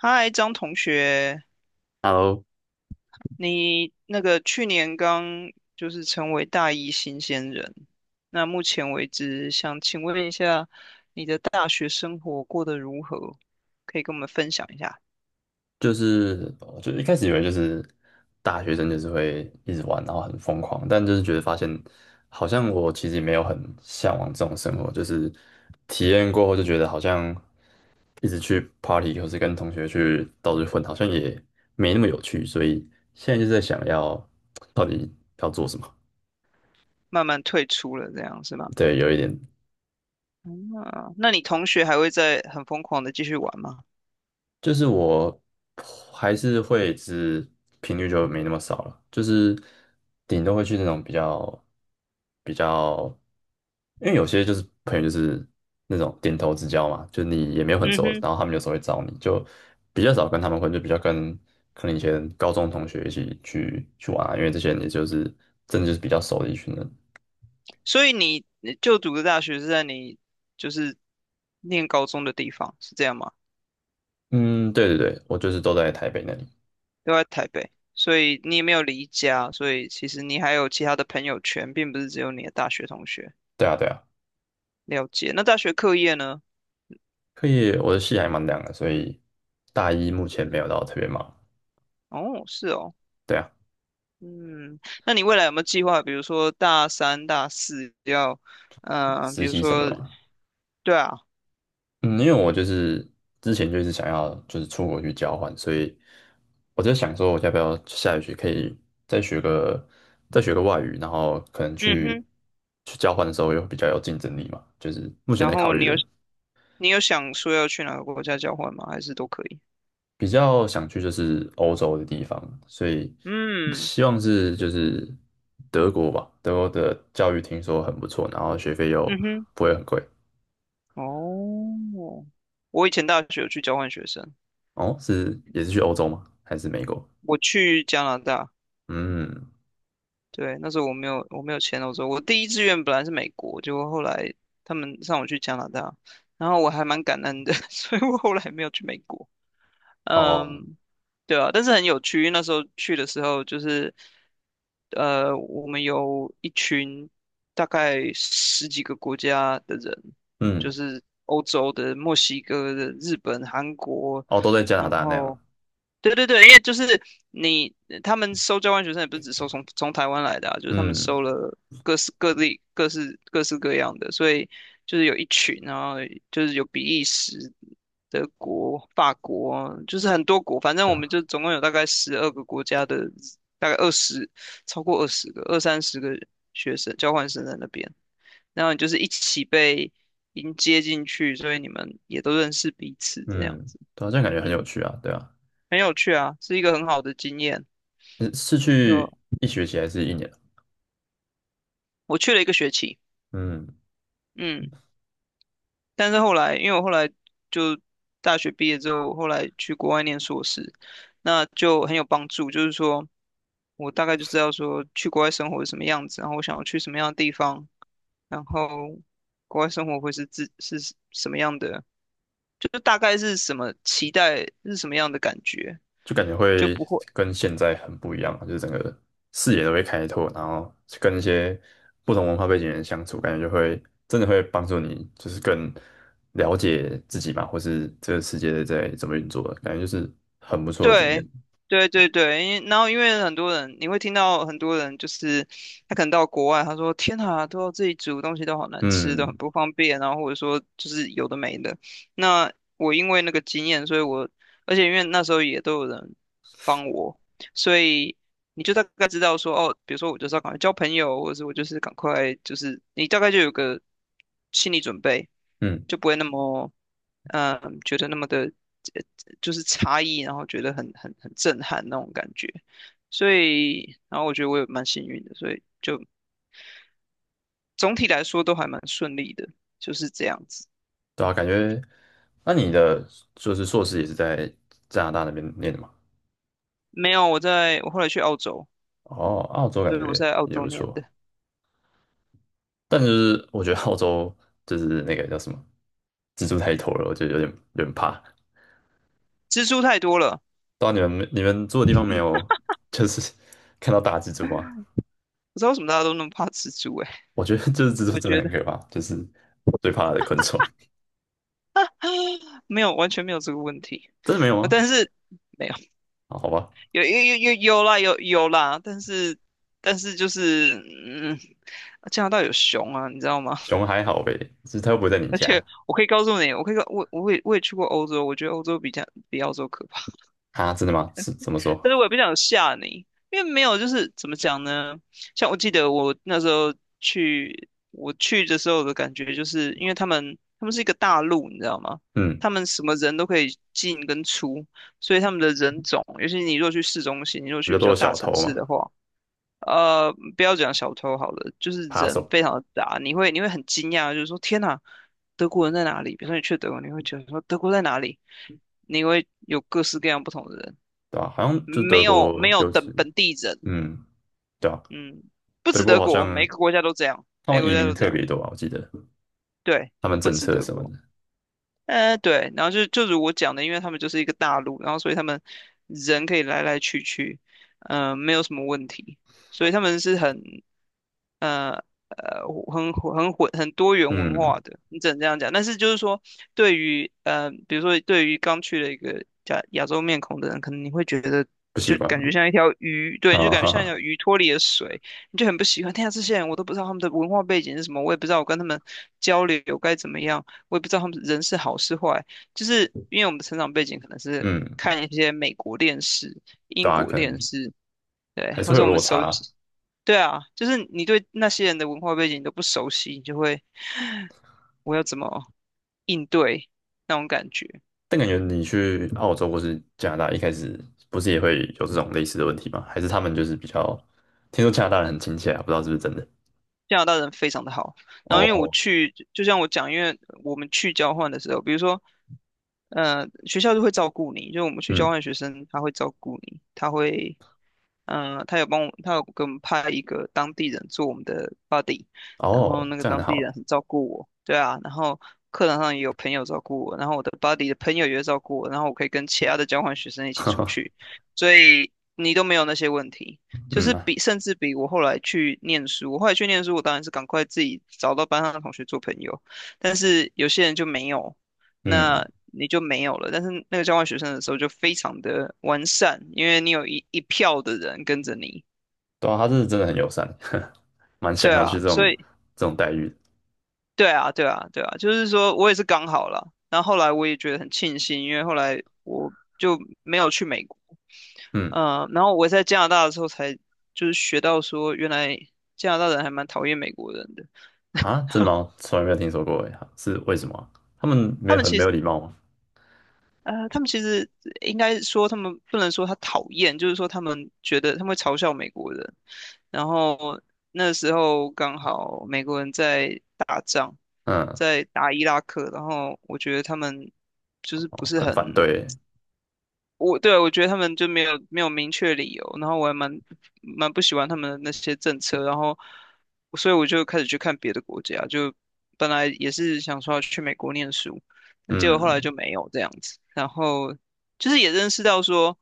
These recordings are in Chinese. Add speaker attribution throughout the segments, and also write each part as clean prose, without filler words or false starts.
Speaker 1: 嗨，张同学，
Speaker 2: Hello，
Speaker 1: 你去年刚成为大一新鲜人，那目前为止，想请问一下，你的大学生活过得如何？可以跟我们分享一下。
Speaker 2: 就是我就一开始以为就是大学生就是会一直玩，然后很疯狂，但就是觉得发现好像我其实也没有很向往这种生活，就是体验过后就觉得好像一直去 party 或是跟同学去到处混，好像也没那么有趣，所以现在就在想要到底要做什么。
Speaker 1: 慢慢退出了，这样是吗？
Speaker 2: 对，有一点，
Speaker 1: 嗯，那你同学还会再很疯狂的继续玩吗？
Speaker 2: 就是我还是会只是频率就没那么少了，就是顶多会去那种比较比较，因为有些就是朋友就是那种点头之交嘛，就你也没有很
Speaker 1: 嗯
Speaker 2: 熟，
Speaker 1: 哼。
Speaker 2: 然后他们有时候会找你，就比较少跟他们混，就比较跟可能以前高中同学一起去玩啊，因为这些人也就是真的就是比较熟的一群人。
Speaker 1: 所以你就读的大学是在你就是念高中的地方，是这样吗？
Speaker 2: 嗯，对对对，我就是都在台北那里。
Speaker 1: 都在台北，所以你也没有离家，所以其实你还有其他的朋友圈，并不是只有你的大学同学。
Speaker 2: 对啊对啊，
Speaker 1: 了解。那大学课业呢？
Speaker 2: 可以，我的戏还蛮凉的，所以大一目前没有到特别忙。
Speaker 1: 哦，是哦。
Speaker 2: 对啊，
Speaker 1: 嗯，那你未来有没有计划，比如说大三、大四要，比
Speaker 2: 实
Speaker 1: 如
Speaker 2: 习什么的
Speaker 1: 说，
Speaker 2: 嘛。
Speaker 1: 对啊。
Speaker 2: 嗯，因为我就是之前就一直想要就是出国去交换，所以我在想说，我要不要下学期可以再学个再学个外语，然后可能
Speaker 1: 嗯
Speaker 2: 去
Speaker 1: 哼。
Speaker 2: 去交换的时候又比较有竞争力嘛。就是目前
Speaker 1: 然
Speaker 2: 在考
Speaker 1: 后
Speaker 2: 虑
Speaker 1: 你有
Speaker 2: 的，
Speaker 1: 想说要去哪个国家交换吗？还是都可以？
Speaker 2: 比较想去就是欧洲的地方，所以
Speaker 1: 嗯。
Speaker 2: 希望是就是德国吧。德国的教育听说很不错，然后学费又
Speaker 1: 嗯哼。
Speaker 2: 不会很贵。
Speaker 1: 哦，我以前大学有去交换学生，
Speaker 2: 哦，是也是去欧洲吗？还是美国？
Speaker 1: 我去加拿大。
Speaker 2: 嗯。
Speaker 1: 对，那时候我没有签欧洲，我第一志愿本来是美国，结果后来他们让我去加拿大，然后我还蛮感恩的，所以我后来没有去美国。
Speaker 2: 哦，
Speaker 1: 嗯，对啊，但是很有趣，因为那时候去的时候就是，我们有一群大概十几个国家的人，就
Speaker 2: 嗯，
Speaker 1: 是欧洲的、墨西哥的、日本、韩国，
Speaker 2: 哦，都在加拿
Speaker 1: 然
Speaker 2: 大那样，
Speaker 1: 后对对对，因为就是你他们收交换学生也不是只收从台湾来的啊，就是他们
Speaker 2: 嗯
Speaker 1: 收了各式各地各式各样的，所以就是有一群，然后就是有比利时、德国、法国，就是很多国，反正
Speaker 2: 对
Speaker 1: 我们
Speaker 2: 啊，
Speaker 1: 就总共有大概12个国家的，大概二十超过20个二三十个学生交换生在那边，然后你就是一起被迎接进去，所以你们也都认识彼此这样
Speaker 2: 嗯，
Speaker 1: 子。
Speaker 2: 对啊，这样感觉很有
Speaker 1: 嗯。
Speaker 2: 趣啊，对啊，
Speaker 1: 很有趣啊，是一个很好的经验。
Speaker 2: 你是
Speaker 1: 就
Speaker 2: 去一学期还是一年啊？
Speaker 1: 我去了一个学期。
Speaker 2: 嗯，
Speaker 1: 嗯，但是后来，因为我后来就大学毕业之后，后来去国外念硕士，那就很有帮助。就是说我大概就知道说去国外生活是什么样子，然后我想要去什么样的地方，然后国外生活会是自是什么样的，就是大概是什么期待是什么样的感觉，
Speaker 2: 就感觉
Speaker 1: 就
Speaker 2: 会
Speaker 1: 不会。
Speaker 2: 跟现在很不一样啊就是整个视野都会开拓，然后跟一些不同文化背景的人相处，感觉就会真的会帮助你，就是更了解自己嘛，或是这个世界在怎么运作的，感觉就是很不错的经验。
Speaker 1: 对，对对对，因然后因为很多人，你会听到很多人就是他可能到国外，他说天啊，都要自己煮东西都好难吃，都
Speaker 2: 嗯
Speaker 1: 很不方便，然后或者说就是有的没的。那我因为那个经验，所以我而且因为那时候也都有人帮我，所以你就大概知道说哦，比如说我就是要赶快交朋友，或者是我就是赶快就是你大概就有个心理准备，
Speaker 2: 嗯。
Speaker 1: 就不会那么觉得那么的。就是差异，然后觉得很震撼那种感觉。所以，然后我觉得我也蛮幸运的，所以就总体来说都还蛮顺利的，就是这样子。
Speaker 2: 对啊，感觉，那你的就是硕士也是在加拿大那边念的嘛？
Speaker 1: 没有，我后来去澳洲，
Speaker 2: 哦，澳洲感
Speaker 1: 对，我是
Speaker 2: 觉
Speaker 1: 在澳
Speaker 2: 也
Speaker 1: 洲
Speaker 2: 不
Speaker 1: 念
Speaker 2: 错，
Speaker 1: 的。
Speaker 2: 但就是我觉得澳洲就是那个叫什么，蜘蛛太多了，我觉得有点怕。
Speaker 1: 蜘蛛太多了。
Speaker 2: 到你们住的地方没有，就是 看到大蜘蛛吗？
Speaker 1: 不知道为什么大家都那么怕蜘蛛诶、
Speaker 2: 我觉得就是 蜘蛛
Speaker 1: 我
Speaker 2: 真的
Speaker 1: 觉
Speaker 2: 很
Speaker 1: 得
Speaker 2: 可怕，就是最怕的昆虫。
Speaker 1: 没有，完全没有这个问题。
Speaker 2: 真的没有吗？
Speaker 1: 但是没有，
Speaker 2: 啊，好吧，
Speaker 1: 有有有有有啦，有有啦，但是就是嗯，加拿大有熊啊，你知道吗？
Speaker 2: 熊还好呗，就是它又不会在你
Speaker 1: 而且
Speaker 2: 家
Speaker 1: 我可以告诉你，我可以告我也去过欧洲，我觉得欧洲比较比澳洲可怕。
Speaker 2: 啊？真的吗？是怎么 说？
Speaker 1: 但是我也不想吓你，因为没有就是怎么讲呢？像我记得我那时候我去的时候的感觉，就是因为他们是一个大陆，你知道吗？
Speaker 2: 嗯，
Speaker 1: 他们什么人都可以进跟出，所以他们的人种，尤其你如果去市中心，你如果
Speaker 2: 比
Speaker 1: 去
Speaker 2: 较
Speaker 1: 比较
Speaker 2: 多
Speaker 1: 大
Speaker 2: 小
Speaker 1: 城
Speaker 2: 偷
Speaker 1: 市
Speaker 2: 嘛，
Speaker 1: 的话。不要讲小偷好了，就是
Speaker 2: 扒
Speaker 1: 人
Speaker 2: 手。
Speaker 1: 非常的杂，你会很惊讶，就是说天哪，德国人在哪里？比如说你去德国，你会觉得说德国在哪里？你会有各式各样不同的人，
Speaker 2: 对吧？好像就是
Speaker 1: 没
Speaker 2: 德
Speaker 1: 有没
Speaker 2: 国
Speaker 1: 有
Speaker 2: 尤
Speaker 1: 等
Speaker 2: 其，
Speaker 1: 本地人。
Speaker 2: 嗯，对啊，
Speaker 1: 嗯，不
Speaker 2: 德
Speaker 1: 止
Speaker 2: 国
Speaker 1: 德
Speaker 2: 好
Speaker 1: 国，每
Speaker 2: 像
Speaker 1: 个国家都这样，
Speaker 2: 他
Speaker 1: 每
Speaker 2: 们
Speaker 1: 个国
Speaker 2: 移
Speaker 1: 家
Speaker 2: 民
Speaker 1: 都这
Speaker 2: 特
Speaker 1: 样，
Speaker 2: 别多啊，我记得
Speaker 1: 对，
Speaker 2: 他们
Speaker 1: 不
Speaker 2: 政
Speaker 1: 止
Speaker 2: 策
Speaker 1: 德
Speaker 2: 什么的，
Speaker 1: 国。对，然后就如我讲的，因为他们就是一个大陆，然后所以他们人可以来来去去，没有什么问题，所以他们是很呃呃混很多元文
Speaker 2: 嗯，
Speaker 1: 化的，你只能这样讲。但是就是说，对于比如说对于刚去了一个亚洲面孔的人，可能你会觉得
Speaker 2: 不
Speaker 1: 你
Speaker 2: 习
Speaker 1: 就
Speaker 2: 惯
Speaker 1: 感觉
Speaker 2: 嘛，
Speaker 1: 像一条鱼，对，你就
Speaker 2: 啊，
Speaker 1: 感觉
Speaker 2: 哈
Speaker 1: 像一条
Speaker 2: 哈，
Speaker 1: 鱼脱离了水，你就很不喜欢。天啊，这些人我都不知道他们的文化背景是什么，我也不知道我跟他们交流该怎么样。我也不知道他们人是好是坏，就是因为我们的成长背景可能是
Speaker 2: 嗯，
Speaker 1: 看一些美国电视、
Speaker 2: 对
Speaker 1: 英
Speaker 2: 啊，
Speaker 1: 国
Speaker 2: 可
Speaker 1: 电
Speaker 2: 能
Speaker 1: 视，对，
Speaker 2: 还是
Speaker 1: 或
Speaker 2: 会
Speaker 1: 者
Speaker 2: 有
Speaker 1: 我们
Speaker 2: 落
Speaker 1: 熟
Speaker 2: 差，
Speaker 1: 悉。对啊，就是你对那些人的文化背景都不熟悉，你就会 我要怎么应对那种感觉？
Speaker 2: 但感觉你去澳洲或是加拿大，一开始不是也会有这种类似的问题吗？还是他们就是比较，听说加拿大人很亲切啊，不知道是不是真的？
Speaker 1: 加拿大人非常的好。然后因为我
Speaker 2: 哦，
Speaker 1: 去，就像我讲，因为我们去交换的时候，比如说，学校就会照顾你，就我们去交
Speaker 2: 嗯，
Speaker 1: 换学生，他会照顾你，他会，他有帮我，他有给我们派一个当地人做我们的 buddy，然后
Speaker 2: 哦，
Speaker 1: 那个
Speaker 2: 这样很
Speaker 1: 当地
Speaker 2: 好
Speaker 1: 人
Speaker 2: 哎，
Speaker 1: 很照顾我，对啊，然后课堂上也有朋友照顾我，然后我的 buddy 的朋友也会照顾我，然后我可以跟其他的交换学生一 起
Speaker 2: 哈
Speaker 1: 出
Speaker 2: 哈，
Speaker 1: 去，所以你都没有那些问题。就
Speaker 2: 嗯
Speaker 1: 是
Speaker 2: 啊
Speaker 1: 比甚至比我后来去念书，我当然是赶快自己找到班上的同学做朋友，但是有些人就没有，
Speaker 2: 嗯，
Speaker 1: 那你就没有了。但是那个交换学生的时候就非常的完善，因为你有一票的人跟着你。
Speaker 2: 对啊，他是真的很友善，蛮想
Speaker 1: 对
Speaker 2: 要去
Speaker 1: 啊，
Speaker 2: 这
Speaker 1: 所
Speaker 2: 种
Speaker 1: 以
Speaker 2: 这种待遇的
Speaker 1: 对啊，对啊，对啊，就是说我也是刚好了，然后后来我也觉得很庆幸，因为后来我就没有去美国。
Speaker 2: 嗯，
Speaker 1: 嗯，然后我在加拿大的时候才是学到说，原来加拿大人还蛮讨厌美国人的。
Speaker 2: 啊，真的吗？从来没有听说过诶，是为什么啊他们没
Speaker 1: 他
Speaker 2: 有
Speaker 1: 们
Speaker 2: 很
Speaker 1: 其
Speaker 2: 没有
Speaker 1: 实
Speaker 2: 礼貌吗？
Speaker 1: 他们其实应该说，他们不能说他讨厌，就是说他们觉得他们会嘲笑美国人。然后那时候刚好美国人在打仗，
Speaker 2: 嗯，
Speaker 1: 在打伊拉克，然后我觉得他们就是不
Speaker 2: 哦
Speaker 1: 是
Speaker 2: 很反
Speaker 1: 很。
Speaker 2: 对欸
Speaker 1: 我觉得他们就没有明确理由，然后我蛮不喜欢他们的那些政策，然后所以我就开始去看别的国家，就本来也是想说要去美国念书，结果后来
Speaker 2: 嗯，
Speaker 1: 就没有这样子，然后就是也认识到说，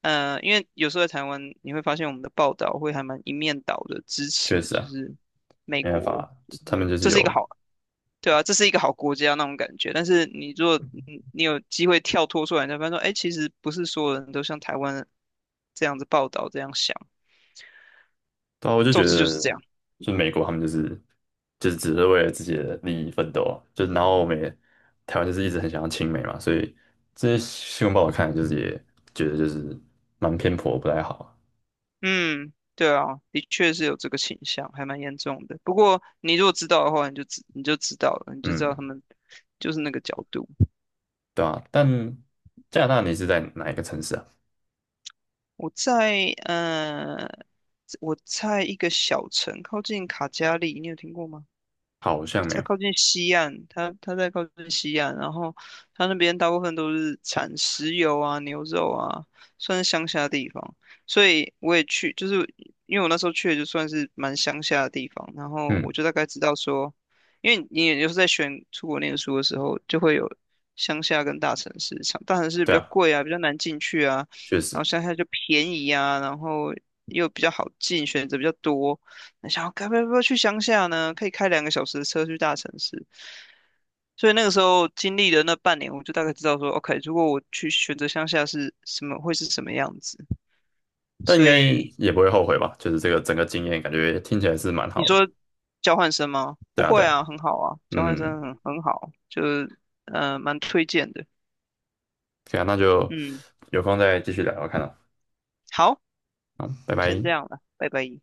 Speaker 1: 因为有时候在台湾你会发现我们的报道会还蛮一面倒的支持，
Speaker 2: 确实
Speaker 1: 就
Speaker 2: 啊，
Speaker 1: 是美
Speaker 2: 没办
Speaker 1: 国，
Speaker 2: 法，
Speaker 1: 就
Speaker 2: 他们
Speaker 1: 是
Speaker 2: 就是
Speaker 1: 这是一个
Speaker 2: 有，
Speaker 1: 好。对啊，这是一个好国家那种感觉。但是你如果你有机会跳脱出来，你才发现说，哎，其实不是所有人都像台湾这样子报道这样想。
Speaker 2: 对啊，我就
Speaker 1: 总
Speaker 2: 觉
Speaker 1: 之就是
Speaker 2: 得，
Speaker 1: 这样。
Speaker 2: 就美国他们就是就是只是为了自己的利益奋斗啊，就然后我们也台湾就是一直很想要亲美嘛，所以这些新闻报道看来就是也觉得就是蛮偏颇，不太好啊
Speaker 1: 嗯，对啊，的确是有这个倾向，还蛮严重的。不过你如果知道的话，你就你就知道了，你就知道他
Speaker 2: 嗯，
Speaker 1: 们就是那个角度。
Speaker 2: 对啊，但加拿大你是在哪一个城市啊？
Speaker 1: 我在我在一个小城靠近卡加利，你有听过吗？
Speaker 2: 好像没
Speaker 1: 在
Speaker 2: 有。
Speaker 1: 靠近西岸，它在靠近西岸，然后它那边大部分都是产石油啊、牛肉啊，算是乡下地方。所以我也去，就是因为我那时候去的就算是蛮乡下的地方，然后我
Speaker 2: 嗯，
Speaker 1: 就大概知道说，因为你也就是在选出国念书的时候，就会有乡下跟大城市，像大城市比
Speaker 2: 对
Speaker 1: 较
Speaker 2: 啊，
Speaker 1: 贵啊，比较难进去啊，
Speaker 2: 确
Speaker 1: 然
Speaker 2: 实。
Speaker 1: 后乡下就便宜啊，然后又比较好进，选择比较多。那想要该不要去乡下呢？可以开2个小时的车去大城市。所以那个时候经历了那半年，我就大概知道说，OK，如果我去选择乡下是什么，会是什么样子。
Speaker 2: 但应
Speaker 1: 所
Speaker 2: 该
Speaker 1: 以
Speaker 2: 也不会后悔吧？就是这个整个经验，感觉听起来是蛮
Speaker 1: 你
Speaker 2: 好的。
Speaker 1: 说交换生吗？不
Speaker 2: 对啊，对
Speaker 1: 会
Speaker 2: 啊，
Speaker 1: 啊，很好啊，交换
Speaker 2: 嗯，
Speaker 1: 生很好，就是蛮推荐的。
Speaker 2: 可以啊，那就
Speaker 1: 嗯，
Speaker 2: 有空再继续聊聊看啊。
Speaker 1: 好，
Speaker 2: 嗯，拜
Speaker 1: 先
Speaker 2: 拜。
Speaker 1: 这样了，拜拜。